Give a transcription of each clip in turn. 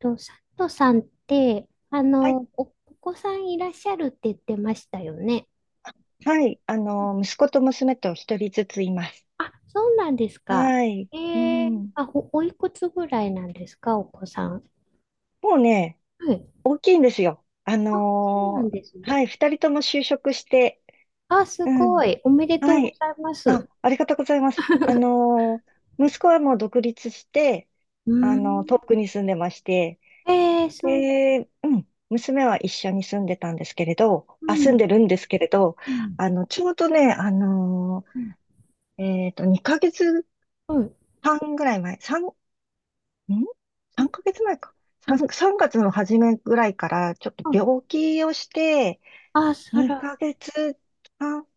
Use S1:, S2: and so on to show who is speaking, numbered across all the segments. S1: と、佐藤さんって、
S2: はい、
S1: お子さんいらっしゃるって言ってましたよね。
S2: はい、息子と娘と一人ずついます。
S1: あ、そうなんですか。
S2: はい、うん。
S1: あ、おいくつぐらいなんですか、お子さん。
S2: もうね、
S1: はい。
S2: 大きいんですよ。
S1: あ、そうなんですね。
S2: はい、二人とも就職して、
S1: あ、す
S2: うん、
S1: ごい。おめでとう
S2: は
S1: ご
S2: い。
S1: ざいます。
S2: あ、ありがとうございます。息子はもう独立して、
S1: うん。
S2: 遠くに住んでまして、
S1: そう。
S2: で、うん、娘は一緒に住んでたんですけれど、
S1: う
S2: あ、住ん
S1: ん、
S2: でるんですけれど、
S1: うん、
S2: ちょうどね、
S1: うん、
S2: 2ヶ
S1: うん、
S2: 月半ぐらい前、3、ん
S1: うん、
S2: ?3 ヶ月前か。
S1: うん
S2: 3、月の初めぐらいから、ちょっと
S1: あ、
S2: 病気をして、
S1: あ、そら。
S2: 2ヶ月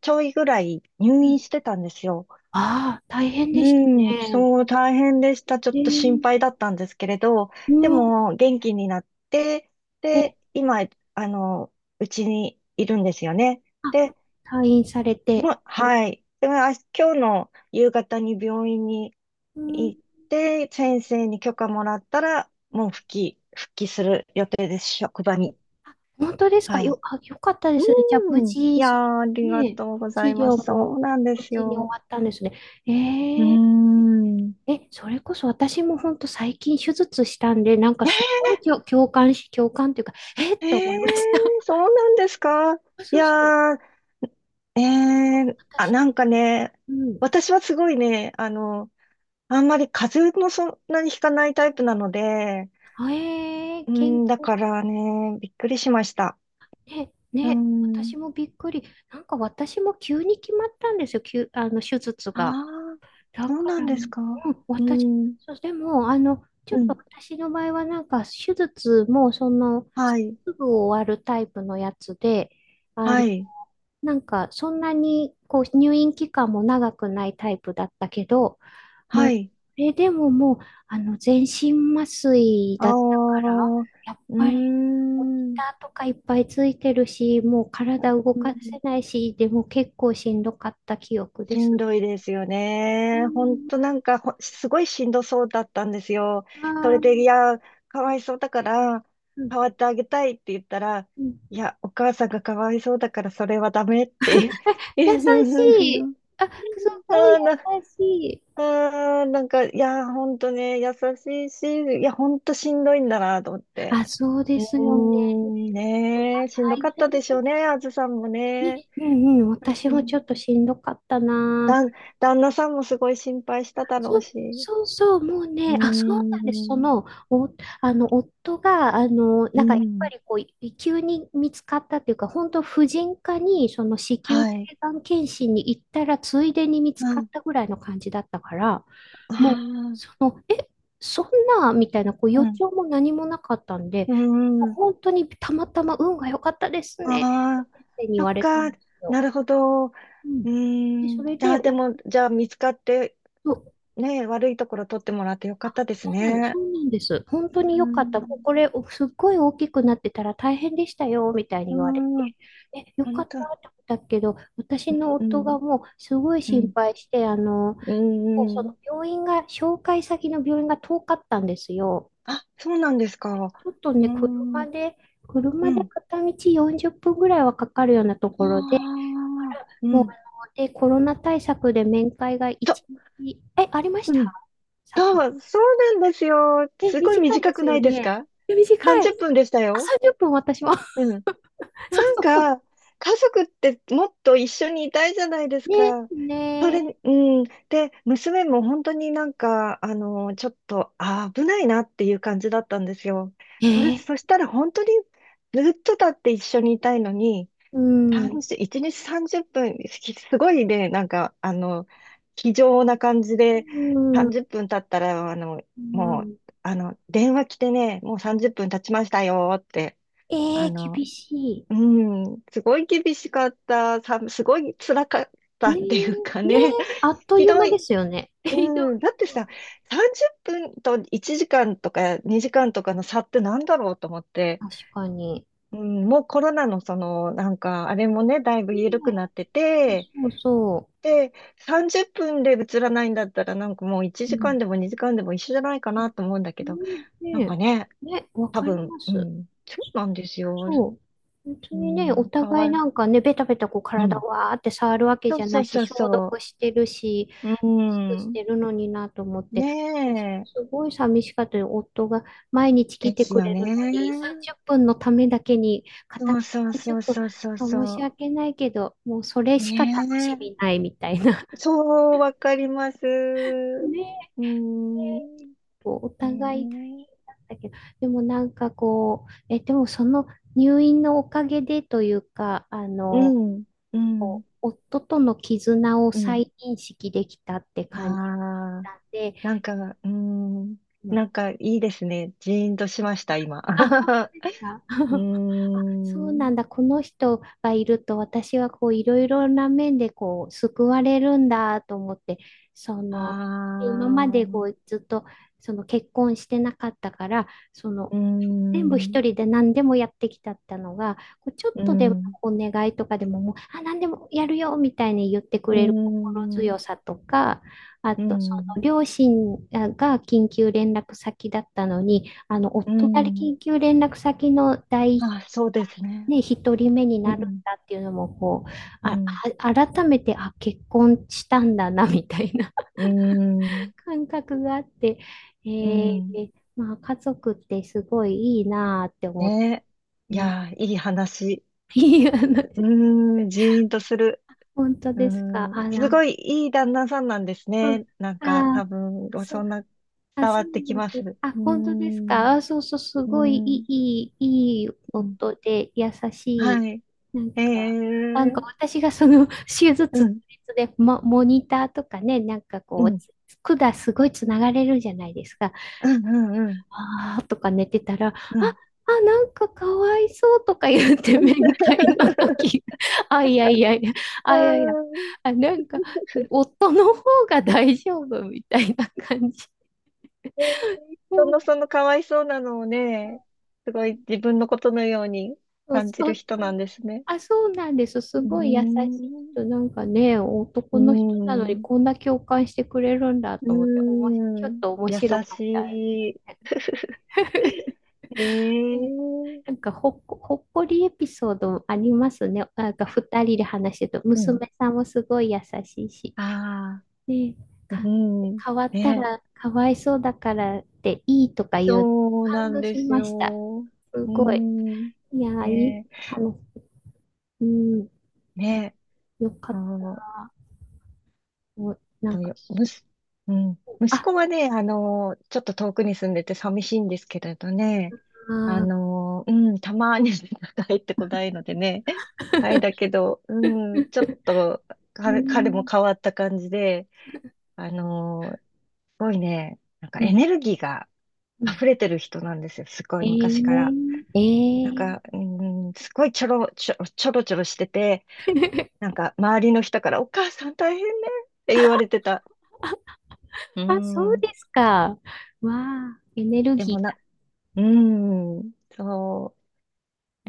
S2: ちょいぐらい入
S1: うん。
S2: 院してたんですよ。
S1: ああ、大変でした
S2: うん、
S1: ね。
S2: そう、大変でした。ちょっ
S1: え
S2: と心
S1: ー、
S2: 配だったんですけれど、
S1: う
S2: で
S1: ん。
S2: も、元気になって、
S1: え。
S2: で、今、あの、うちにいるんですよね。
S1: あ、
S2: で、
S1: 退院されて。
S2: もう、はい。でも、あ、今日の夕方に病院に
S1: うん
S2: 行って、先生に許可もらったら、もう復帰する予定です、職場に。
S1: あ、本当ですか。
S2: はい。
S1: あ、よかったですね。じゃあ、無
S2: うん。い
S1: 事、
S2: やー、あり
S1: の
S2: が
S1: ね、
S2: とうござい
S1: 治
S2: ま
S1: 療
S2: す。そ
S1: も
S2: うなんで
S1: 無
S2: す
S1: 事に終
S2: よ。
S1: わったんですね。え
S2: うー
S1: ー、
S2: ん。
S1: え、それこそ私も本当最近手術したんで、なんかすごい共感というか、えーっ
S2: えー、
S1: て思いました。
S2: そうなんですか。
S1: あ、
S2: い
S1: そうそう。
S2: やー、
S1: 私、
S2: なんかね、
S1: うん。
S2: 私はすごいね、あんまり風邪もそんなにひかないタイプなので、
S1: あ、
S2: う
S1: 健
S2: ん、だか
S1: 康。
S2: らね、びっくりしました。
S1: ね、
S2: う
S1: ね、
S2: ん。
S1: 私もびっくり。なんか私も急に決まったんですよ。急、あの、手術
S2: あ
S1: が。
S2: あ。
S1: だ
S2: そう
S1: か
S2: な
S1: ら、
S2: ん
S1: う
S2: です
S1: ん。
S2: か。う
S1: 私、
S2: ん、
S1: そう。でも、ちょ
S2: う
S1: っと
S2: ん、
S1: 私の場合は、なんか、手術も、
S2: はい、
S1: すぐ終わるタイプのやつで、あ、
S2: はい、
S1: なんか、そんなに、こう、入院期間も長くないタイプだったけど、も
S2: は
S1: う、こ
S2: い。
S1: れでももう、全身麻酔
S2: ああ、
S1: だったから、
S2: う
S1: やっ
S2: ー
S1: ぱり、モニ
S2: ん、
S1: ターとかいっぱいついてるし、もう体動
S2: うん。
S1: かせないし、でも結構しんどかった記憶で
S2: し
S1: す
S2: んどい
S1: ね。
S2: ですよ
S1: う
S2: ね。ほん
S1: ん。
S2: となんかすごいしんどそうだったんですよ。
S1: あ
S2: それで、
S1: ー
S2: いや、かわいそうだから、代わってあげたいって言ったら、
S1: うん。
S2: いや、お母さんがかわいそうだから、それはダメって。う
S1: 優しい。
S2: ん。
S1: あ、すごい
S2: あ
S1: 優
S2: ーな、
S1: しい。
S2: あーなんか、いや、ほんとね、優しいし、いや、ほんとしんどいんだなと思って。
S1: あ、そうで
S2: う
S1: すよね。
S2: ーん、ねえ、しんど
S1: 大
S2: かった
S1: 変
S2: でしょうね、あずさんも
S1: ですね。
S2: ね。
S1: うんうん。
S2: う
S1: 私も
S2: ん、
S1: ちょっとしんどかったな。
S2: だん、旦那さんもすごい心配しただろ
S1: そ
S2: う
S1: う
S2: し。
S1: そうそう。もう
S2: うー
S1: ね、あ、そうなんです。そ
S2: ん、
S1: の、お、あの、夫が、
S2: う
S1: なんかやっぱ
S2: ん、
S1: りこう、急に見つかったっていうか、本当婦人科に、その子宮
S2: はい。
S1: 頸がん検診に行ったら、ついでに見つ
S2: う
S1: かっ
S2: ん、
S1: たぐらいの感じだったから、もう、
S2: あ
S1: その、え、そんな、みたいな、こう、
S2: あ、
S1: 予兆も何もなかったんで、
S2: うん、うん、
S1: 本当にたまたま運が良かったですね、っ
S2: ああ、
S1: て先生に言
S2: そっ
S1: われたん
S2: か、
S1: です
S2: な
S1: よ。
S2: るほど。う
S1: うん。
S2: ー
S1: で、そ
S2: ん、
S1: れ
S2: じゃ
S1: で、
S2: あでも、じゃあ見つかって、とねえ、悪いところ取ってもらってよかったです
S1: そ
S2: ね。
S1: うなんです。本当
S2: う
S1: に
S2: ー
S1: 良かった。もうこ
S2: ん、
S1: れ、すっごい大きくなってたら大変でしたよ、みたいに言われ
S2: うん、
S1: て。え、よか
S2: 本
S1: っ
S2: 当、
S1: たって思ったけど、私の
S2: う
S1: 夫
S2: ん、
S1: がもうすごい
S2: う
S1: 心
S2: ん、
S1: 配して、
S2: う
S1: 結構
S2: ん、う
S1: そ
S2: ん。
S1: の病院が、紹介先の病院が遠かったんですよ。
S2: あ、そうなんですか。
S1: ちょっと
S2: うー
S1: ね、
S2: ん、
S1: 車
S2: う
S1: で
S2: ん。
S1: 片道40分ぐらいはかかるようなと
S2: あ
S1: ころで、だか
S2: あ、
S1: ら
S2: う
S1: もう、
S2: ん。
S1: で、コロナ対策で面会が
S2: そ、
S1: 1日、ありまし
S2: う
S1: た。
S2: ん。
S1: 佐藤。
S2: そう、そうなんですよ。すごい
S1: 短い
S2: 短
S1: で
S2: く
S1: す
S2: な
S1: よ
S2: いです
S1: ね。
S2: か？
S1: 短い。
S2: 30 分でした
S1: あ、
S2: よ。
S1: 30分私も。
S2: うん。
S1: そう
S2: なん
S1: そうそ
S2: か、家族ってもっと一緒にいたいじゃないで
S1: う。
S2: す
S1: ね、
S2: か。それ、
S1: ね
S2: うん。で、娘も本当になんか、ちょっと、あー危ないなっていう感じだったんですよ。それ、
S1: え。
S2: そしたら本当にずっとだって一緒にいたいのに、
S1: うん。
S2: 30、1日30分、すごいね、なんか、気丈な感じ
S1: う
S2: で、
S1: ん。
S2: 30分経ったら、
S1: う
S2: もう、
S1: ん。
S2: 電話来てね、もう30分経ちましたよって、あの、
S1: 厳し
S2: うん、すごい厳しかった、すごい辛かっ
S1: い。
S2: たっ
S1: ね
S2: て
S1: え、
S2: いうか
S1: ね
S2: ね、
S1: え、あっ と
S2: ひ
S1: いう
S2: ど
S1: 間で
S2: い。
S1: すよね。
S2: う
S1: ひどい。
S2: ん、だってさ、30分と1時間とか2時間とかの差ってなんだろうと思って、
S1: 確かに。
S2: うん、もうコロナのその、なんか、あれもね、だいぶ緩くな
S1: ね
S2: って
S1: え、
S2: て、
S1: そうそ
S2: で、30分で映らないんだったら、なんかもう1
S1: う。う
S2: 時
S1: ん。
S2: 間でも2時間でも一緒じゃないかなと思うんだけど、
S1: ねえ、
S2: なんか
S1: ね
S2: ね、
S1: え、ね、わ
S2: 多
S1: かり
S2: 分、
S1: ま
S2: う
S1: す。
S2: ん、そうなんですよ。
S1: そう。本当
S2: う
S1: にね、お
S2: ん、か
S1: 互い
S2: わいい。
S1: なんかね、ベタベタこう
S2: う
S1: 体
S2: ん。
S1: わーって触るわけ
S2: そ
S1: じ
S2: う
S1: ゃ
S2: そ
S1: ない
S2: う
S1: し、
S2: そう
S1: 消毒
S2: そ
S1: してるし、
S2: う。う
S1: すくし
S2: ん。
S1: てるのになと思っ
S2: ね
S1: て、私も
S2: え。
S1: すごい寂しかったよ。夫が毎日来
S2: で
S1: て
S2: す
S1: く
S2: よ
S1: れる
S2: ね。
S1: のに、30分のためだけに、片
S2: そう
S1: 道
S2: そう
S1: 30
S2: そう
S1: 分、
S2: そうそう
S1: なんか申し
S2: そ
S1: 訳ないけど、もうそれ
S2: う。
S1: しか楽し
S2: ね
S1: みないみたいな。
S2: え。そう、わかります。
S1: ねえ、
S2: うん。
S1: こうお
S2: ね
S1: 互い
S2: え、
S1: だけど、でもなんかこう、でもその入院のおかげでというか、
S2: うん。うん。
S1: こう夫との絆を
S2: うん。
S1: 再認識できたって感じ
S2: あ
S1: た
S2: あ。
S1: んで、
S2: なんか、うーん、
S1: うん。
S2: なんかいいですね。ジーンとしました、今。
S1: あ、あ。
S2: うー
S1: あ、そうな
S2: ん、
S1: んだ。この人がいると私はこういろいろな面でこう救われるんだと思って、そ
S2: あ
S1: の今まで
S2: ー、
S1: こうずっと結婚してなかったから、その
S2: うー
S1: 全部一
S2: ん、
S1: 人で何でもやってきたったのが、こうちょっ
S2: う
S1: とでも
S2: ん、
S1: お願いとかでももう、あ、何でもやるよみたいに言ってく
S2: うー
S1: れる心
S2: ん、
S1: 強さとか、あ
S2: う
S1: と、そ
S2: ん、
S1: の両親が緊急連絡先だったのに、
S2: う
S1: 夫が
S2: ん、
S1: 緊急連絡先の
S2: あ、そうですね。
S1: 一人目に
S2: う
S1: なるん
S2: ん、
S1: だっていうのも、こう、
S2: う
S1: あ、
S2: ん、
S1: 改めて、あ、結婚したんだな、みたいな
S2: うん、
S1: 感覚があって、え
S2: うん、
S1: ーまあ、家族ってすごいいいなーって思って、
S2: ね。
S1: う
S2: い
S1: ん。
S2: やー、いい話。
S1: いや、
S2: うーん、ジーンとする。
S1: 本当
S2: うー
S1: ですか。
S2: ん、
S1: あ、ラ
S2: す
S1: ンん。
S2: ごいいい旦那さんなんですね。なんか、
S1: あ、
S2: 多分、
S1: そ
S2: そ
S1: う。
S2: んな
S1: あ、
S2: 伝わ
S1: そう
S2: ってきま
S1: で
S2: す。
S1: す。
S2: う
S1: あ、
S2: ー
S1: 本当です
S2: ん、
S1: か。あ、そうそう、す
S2: うー
S1: ごいい
S2: ん、
S1: い、いい
S2: うん、
S1: 音で、優し
S2: はい。
S1: い。
S2: ええ
S1: なんか、
S2: ー、
S1: 私がその手
S2: う
S1: 術
S2: ん、
S1: で、モニターとかね、なんか
S2: う
S1: こう、
S2: ん、
S1: 管すごいつながれるじゃないですか。
S2: うん、うん、うん、
S1: あーとか寝てたら、あ、
S2: うん。
S1: あ、なんかかわいそうとか言って面会の時。あ、いやいやいや、
S2: あ
S1: あ、いやいや、
S2: ー
S1: あ、なんか、夫の方が大丈夫みたいな感じ。
S2: えー
S1: も
S2: 人
S1: う
S2: のそのかわいそうなのをね、すごい自分のことのように
S1: そう
S2: 感じ
S1: そ
S2: る
S1: う
S2: 人
S1: そ
S2: な
S1: う。
S2: んですね。
S1: あ、そうなんです。す
S2: うー
S1: ごい優しい
S2: ん、
S1: 人。なんかね、
S2: う
S1: 男の人なのに
S2: ーん、
S1: こんな共感してくれるんだと思って、
S2: う
S1: おもし、ちょ
S2: ー
S1: っ
S2: ん、
S1: と面
S2: 優
S1: 白かった。
S2: しい。ええ、
S1: なんかほっこりエピソードもありますね。なんか二人で話してると、
S2: うん。
S1: 娘さんもすごい優しいし、
S2: あ
S1: ね、
S2: あ、う
S1: か、
S2: ん。
S1: 変わった
S2: ね。
S1: らかわいそうだからっていいとか言う、
S2: そうな
S1: 感
S2: ん
S1: 動
S2: で
S1: し
S2: す
S1: ました。
S2: よ。
S1: す
S2: う
S1: ごい。
S2: ん。
S1: いやー、いい
S2: ね。
S1: 話。うん、
S2: ね。
S1: よか
S2: あ
S1: っ
S2: の、
S1: た。もうなん
S2: どう
S1: か、
S2: よ、むす、うん。息
S1: あ、
S2: 子はね、ちょっと遠くに住んでて寂しいんですけれどね。
S1: あー
S2: うん、たまに 帰ってこないのでね。はい、だけど、うん、ちょっと、
S1: う
S2: 彼も
S1: ん、
S2: 変わった感じで、すごいね、なんか
S1: う
S2: エ
S1: ん、
S2: ネルギーが、
S1: うん。
S2: 溢れてる人なんですよ。すご
S1: え
S2: い昔から。
S1: ー、え
S2: なん
S1: ー。
S2: か、うーん、すごいちょろちょろしてて、な んか周りの人からお母さん大変ねって言われてた。うー
S1: あ、そう
S2: ん。
S1: ですか。わあ、エネル
S2: でも
S1: ギ
S2: な、
S1: ー。
S2: うーん、そう。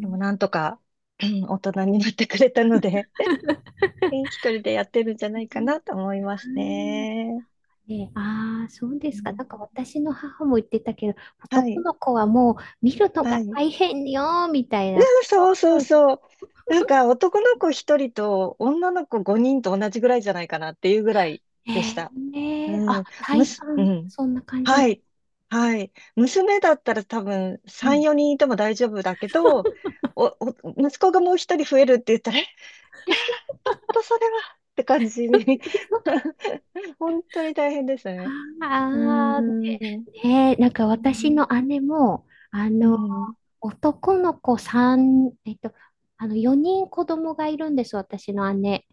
S2: でもなんとか、うん、大人になってくれたので、一人でやってるんじゃ
S1: う
S2: ないかなと思います
S1: ん。
S2: ね。
S1: ね、ああ、そうで
S2: う
S1: すか。なんか
S2: ん、
S1: 私の母も言ってたけど、
S2: は
S1: 男
S2: い、
S1: の子はもう見るの
S2: は
S1: が
S2: い。
S1: 大変よ、みたいなこ
S2: そう
S1: と。
S2: そ
S1: そ
S2: う
S1: うそう。
S2: そう。なんか男の子一人と女の子五人と同じぐらいじゃないかなっていうぐらい
S1: え
S2: でした。う
S1: あ、
S2: ん。
S1: 体
S2: う
S1: 感、
S2: ん。
S1: そんな感じ。
S2: はい。はい。娘だったら多分
S1: う
S2: 3、
S1: ん。
S2: 4人いても大丈夫だけど、息子がもう一人増えるって言ったら、いやー、ちょっとそれはって感じに 本当に大変ですね。うー
S1: あ
S2: ん。
S1: あ、ねえ、なんか
S2: う
S1: 私
S2: ん。
S1: の姉も、
S2: うん、
S1: 男の子3、4人子供がいるんです、私の姉。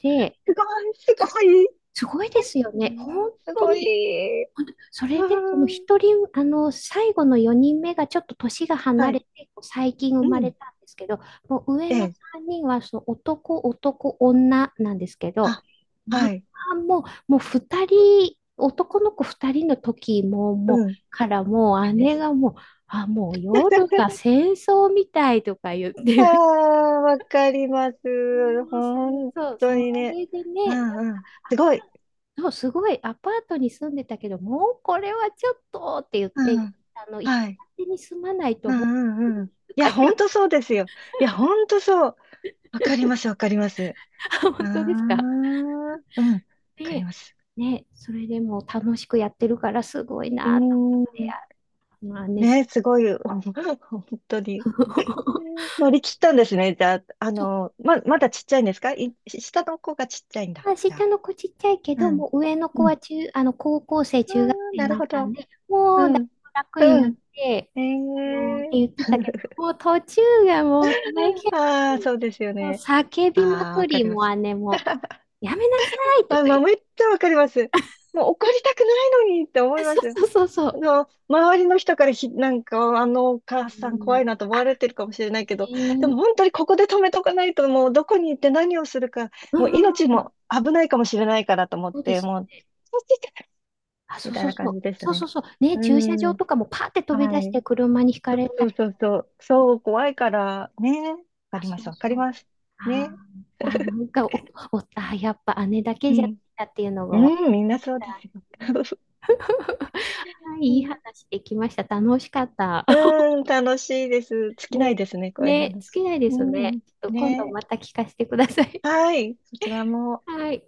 S1: で、
S2: すごい、
S1: す
S2: す
S1: ご
S2: ごい。
S1: すごいですよ
S2: う
S1: ね。本
S2: ん、す
S1: 当
S2: ご
S1: に、
S2: い。
S1: そ
S2: あ
S1: れで、その
S2: ー、
S1: 一人、最後の4人目がちょっと年が
S2: は
S1: 離れ
S2: い。
S1: て、こう最近生
S2: う
S1: まれ
S2: ん。
S1: たんですけど、もう上
S2: え
S1: の
S2: え。
S1: 3人はそう男、男、女なんですけど、
S2: あ、
S1: ま
S2: はい。
S1: あ、もう2人、男の子2人の時も、も
S2: う
S1: う、
S2: ん。
S1: からもう
S2: で
S1: 姉
S2: す。
S1: がもう、あ、もう夜が 戦争みたいとか言っ
S2: あ
S1: て。
S2: あ、わかります。
S1: そう
S2: 本
S1: そう、
S2: 当
S1: そう
S2: に
S1: そ
S2: ね。
S1: れで
S2: う
S1: ね、
S2: んうん。すごい。
S1: そうすごいアパートに住んでたけど、もうこれはちょっとって言っ
S2: う
S1: て、
S2: ん。
S1: 一
S2: はい。
S1: 戸建てに住まないと
S2: う
S1: も
S2: んう
S1: う、
S2: んうん。
S1: と
S2: い
S1: か
S2: や、
S1: 言
S2: 本
S1: う。
S2: 当そうですよ。いや、本当そう。わかります、わかります。ああ、
S1: 本当ですか。
S2: うん。わかり
S1: で
S2: ます。
S1: ね、それでもう楽しくやってるからすごい
S2: う
S1: なと思っ
S2: ー
S1: て、
S2: ん。
S1: あ、まあね、そ
S2: ね、すごい。本当に。
S1: う。
S2: 乗り切ったんですね。じゃあ、
S1: そ
S2: まだちっちゃいんですかい、下の子がちっちゃいん
S1: う。
S2: だ。
S1: あ、
S2: じゃ
S1: 下
S2: あ。
S1: の子ちっちゃいけ
S2: う
S1: ど、
S2: ん。
S1: もう上の子
S2: う
S1: は
S2: ん。
S1: 中、あの、高校生、
S2: ああ、
S1: 中学生に
S2: なる
S1: なっ
S2: ほ
S1: たん
S2: ど。
S1: で、もう
S2: う
S1: だい
S2: ん。
S1: ぶ楽に
S2: う
S1: なっ
S2: ん。
S1: て、
S2: え
S1: あのって
S2: え。
S1: 言ってたけ ど、もう途中がもう大変。
S2: ああ、そうですよ
S1: もう
S2: ね。
S1: 叫びま
S2: ああ、わ
S1: く
S2: か
S1: り、
S2: りま
S1: も
S2: す。
S1: う姉も、やめなさいと
S2: まあ、
S1: か言
S2: ま
S1: っ
S2: あ、
S1: て。
S2: めっちゃわかります。もう怒りたくないのにって思 いま
S1: そ
S2: すよ。
S1: うそうそうそう。
S2: 周りの人からなんか、お
S1: う
S2: 母さん
S1: ん、
S2: 怖
S1: ね。
S2: いなと思われてるかもしれないけど、でも本当にここで止めとかないと、もうどこに行って何をするか、
S1: うん
S2: もう
S1: うん
S2: 命
S1: うん、
S2: も危ないかもしれないからと思っ
S1: そうで
S2: て、
S1: すよ
S2: もう、
S1: ね。
S2: そっち行け
S1: あ、
S2: み
S1: そう
S2: たい
S1: そう
S2: な
S1: そ
S2: 感
S1: う。
S2: じでした
S1: そう
S2: ね。
S1: そうそう。ね、
S2: う
S1: 駐車場
S2: ん。
S1: とかもパーって飛び
S2: は
S1: 出して
S2: い。
S1: 車にひかれた
S2: そう
S1: り。
S2: そうそう。そう、怖いから、ね。わか
S1: あ、
S2: りま
S1: そう
S2: す、わか
S1: そ
S2: り
S1: う。
S2: ます。
S1: あ
S2: ね。
S1: ーあ、なんかあ、やっぱ姉だ
S2: う
S1: けじゃっ
S2: ん。
S1: たっていうのが分か
S2: うん、みん
S1: り
S2: な
S1: まし
S2: そうです
S1: た。
S2: よ。
S1: はい、
S2: う
S1: いい
S2: ん。
S1: 話できました。楽しかった。
S2: うん、楽しいです。尽きない
S1: ね、
S2: ですね、こういう
S1: ね、好
S2: 話。
S1: きないで
S2: う
S1: すね。
S2: ん、
S1: ちょっと今度
S2: ね。
S1: また聞かせてください。
S2: はい、そちらも。
S1: はい。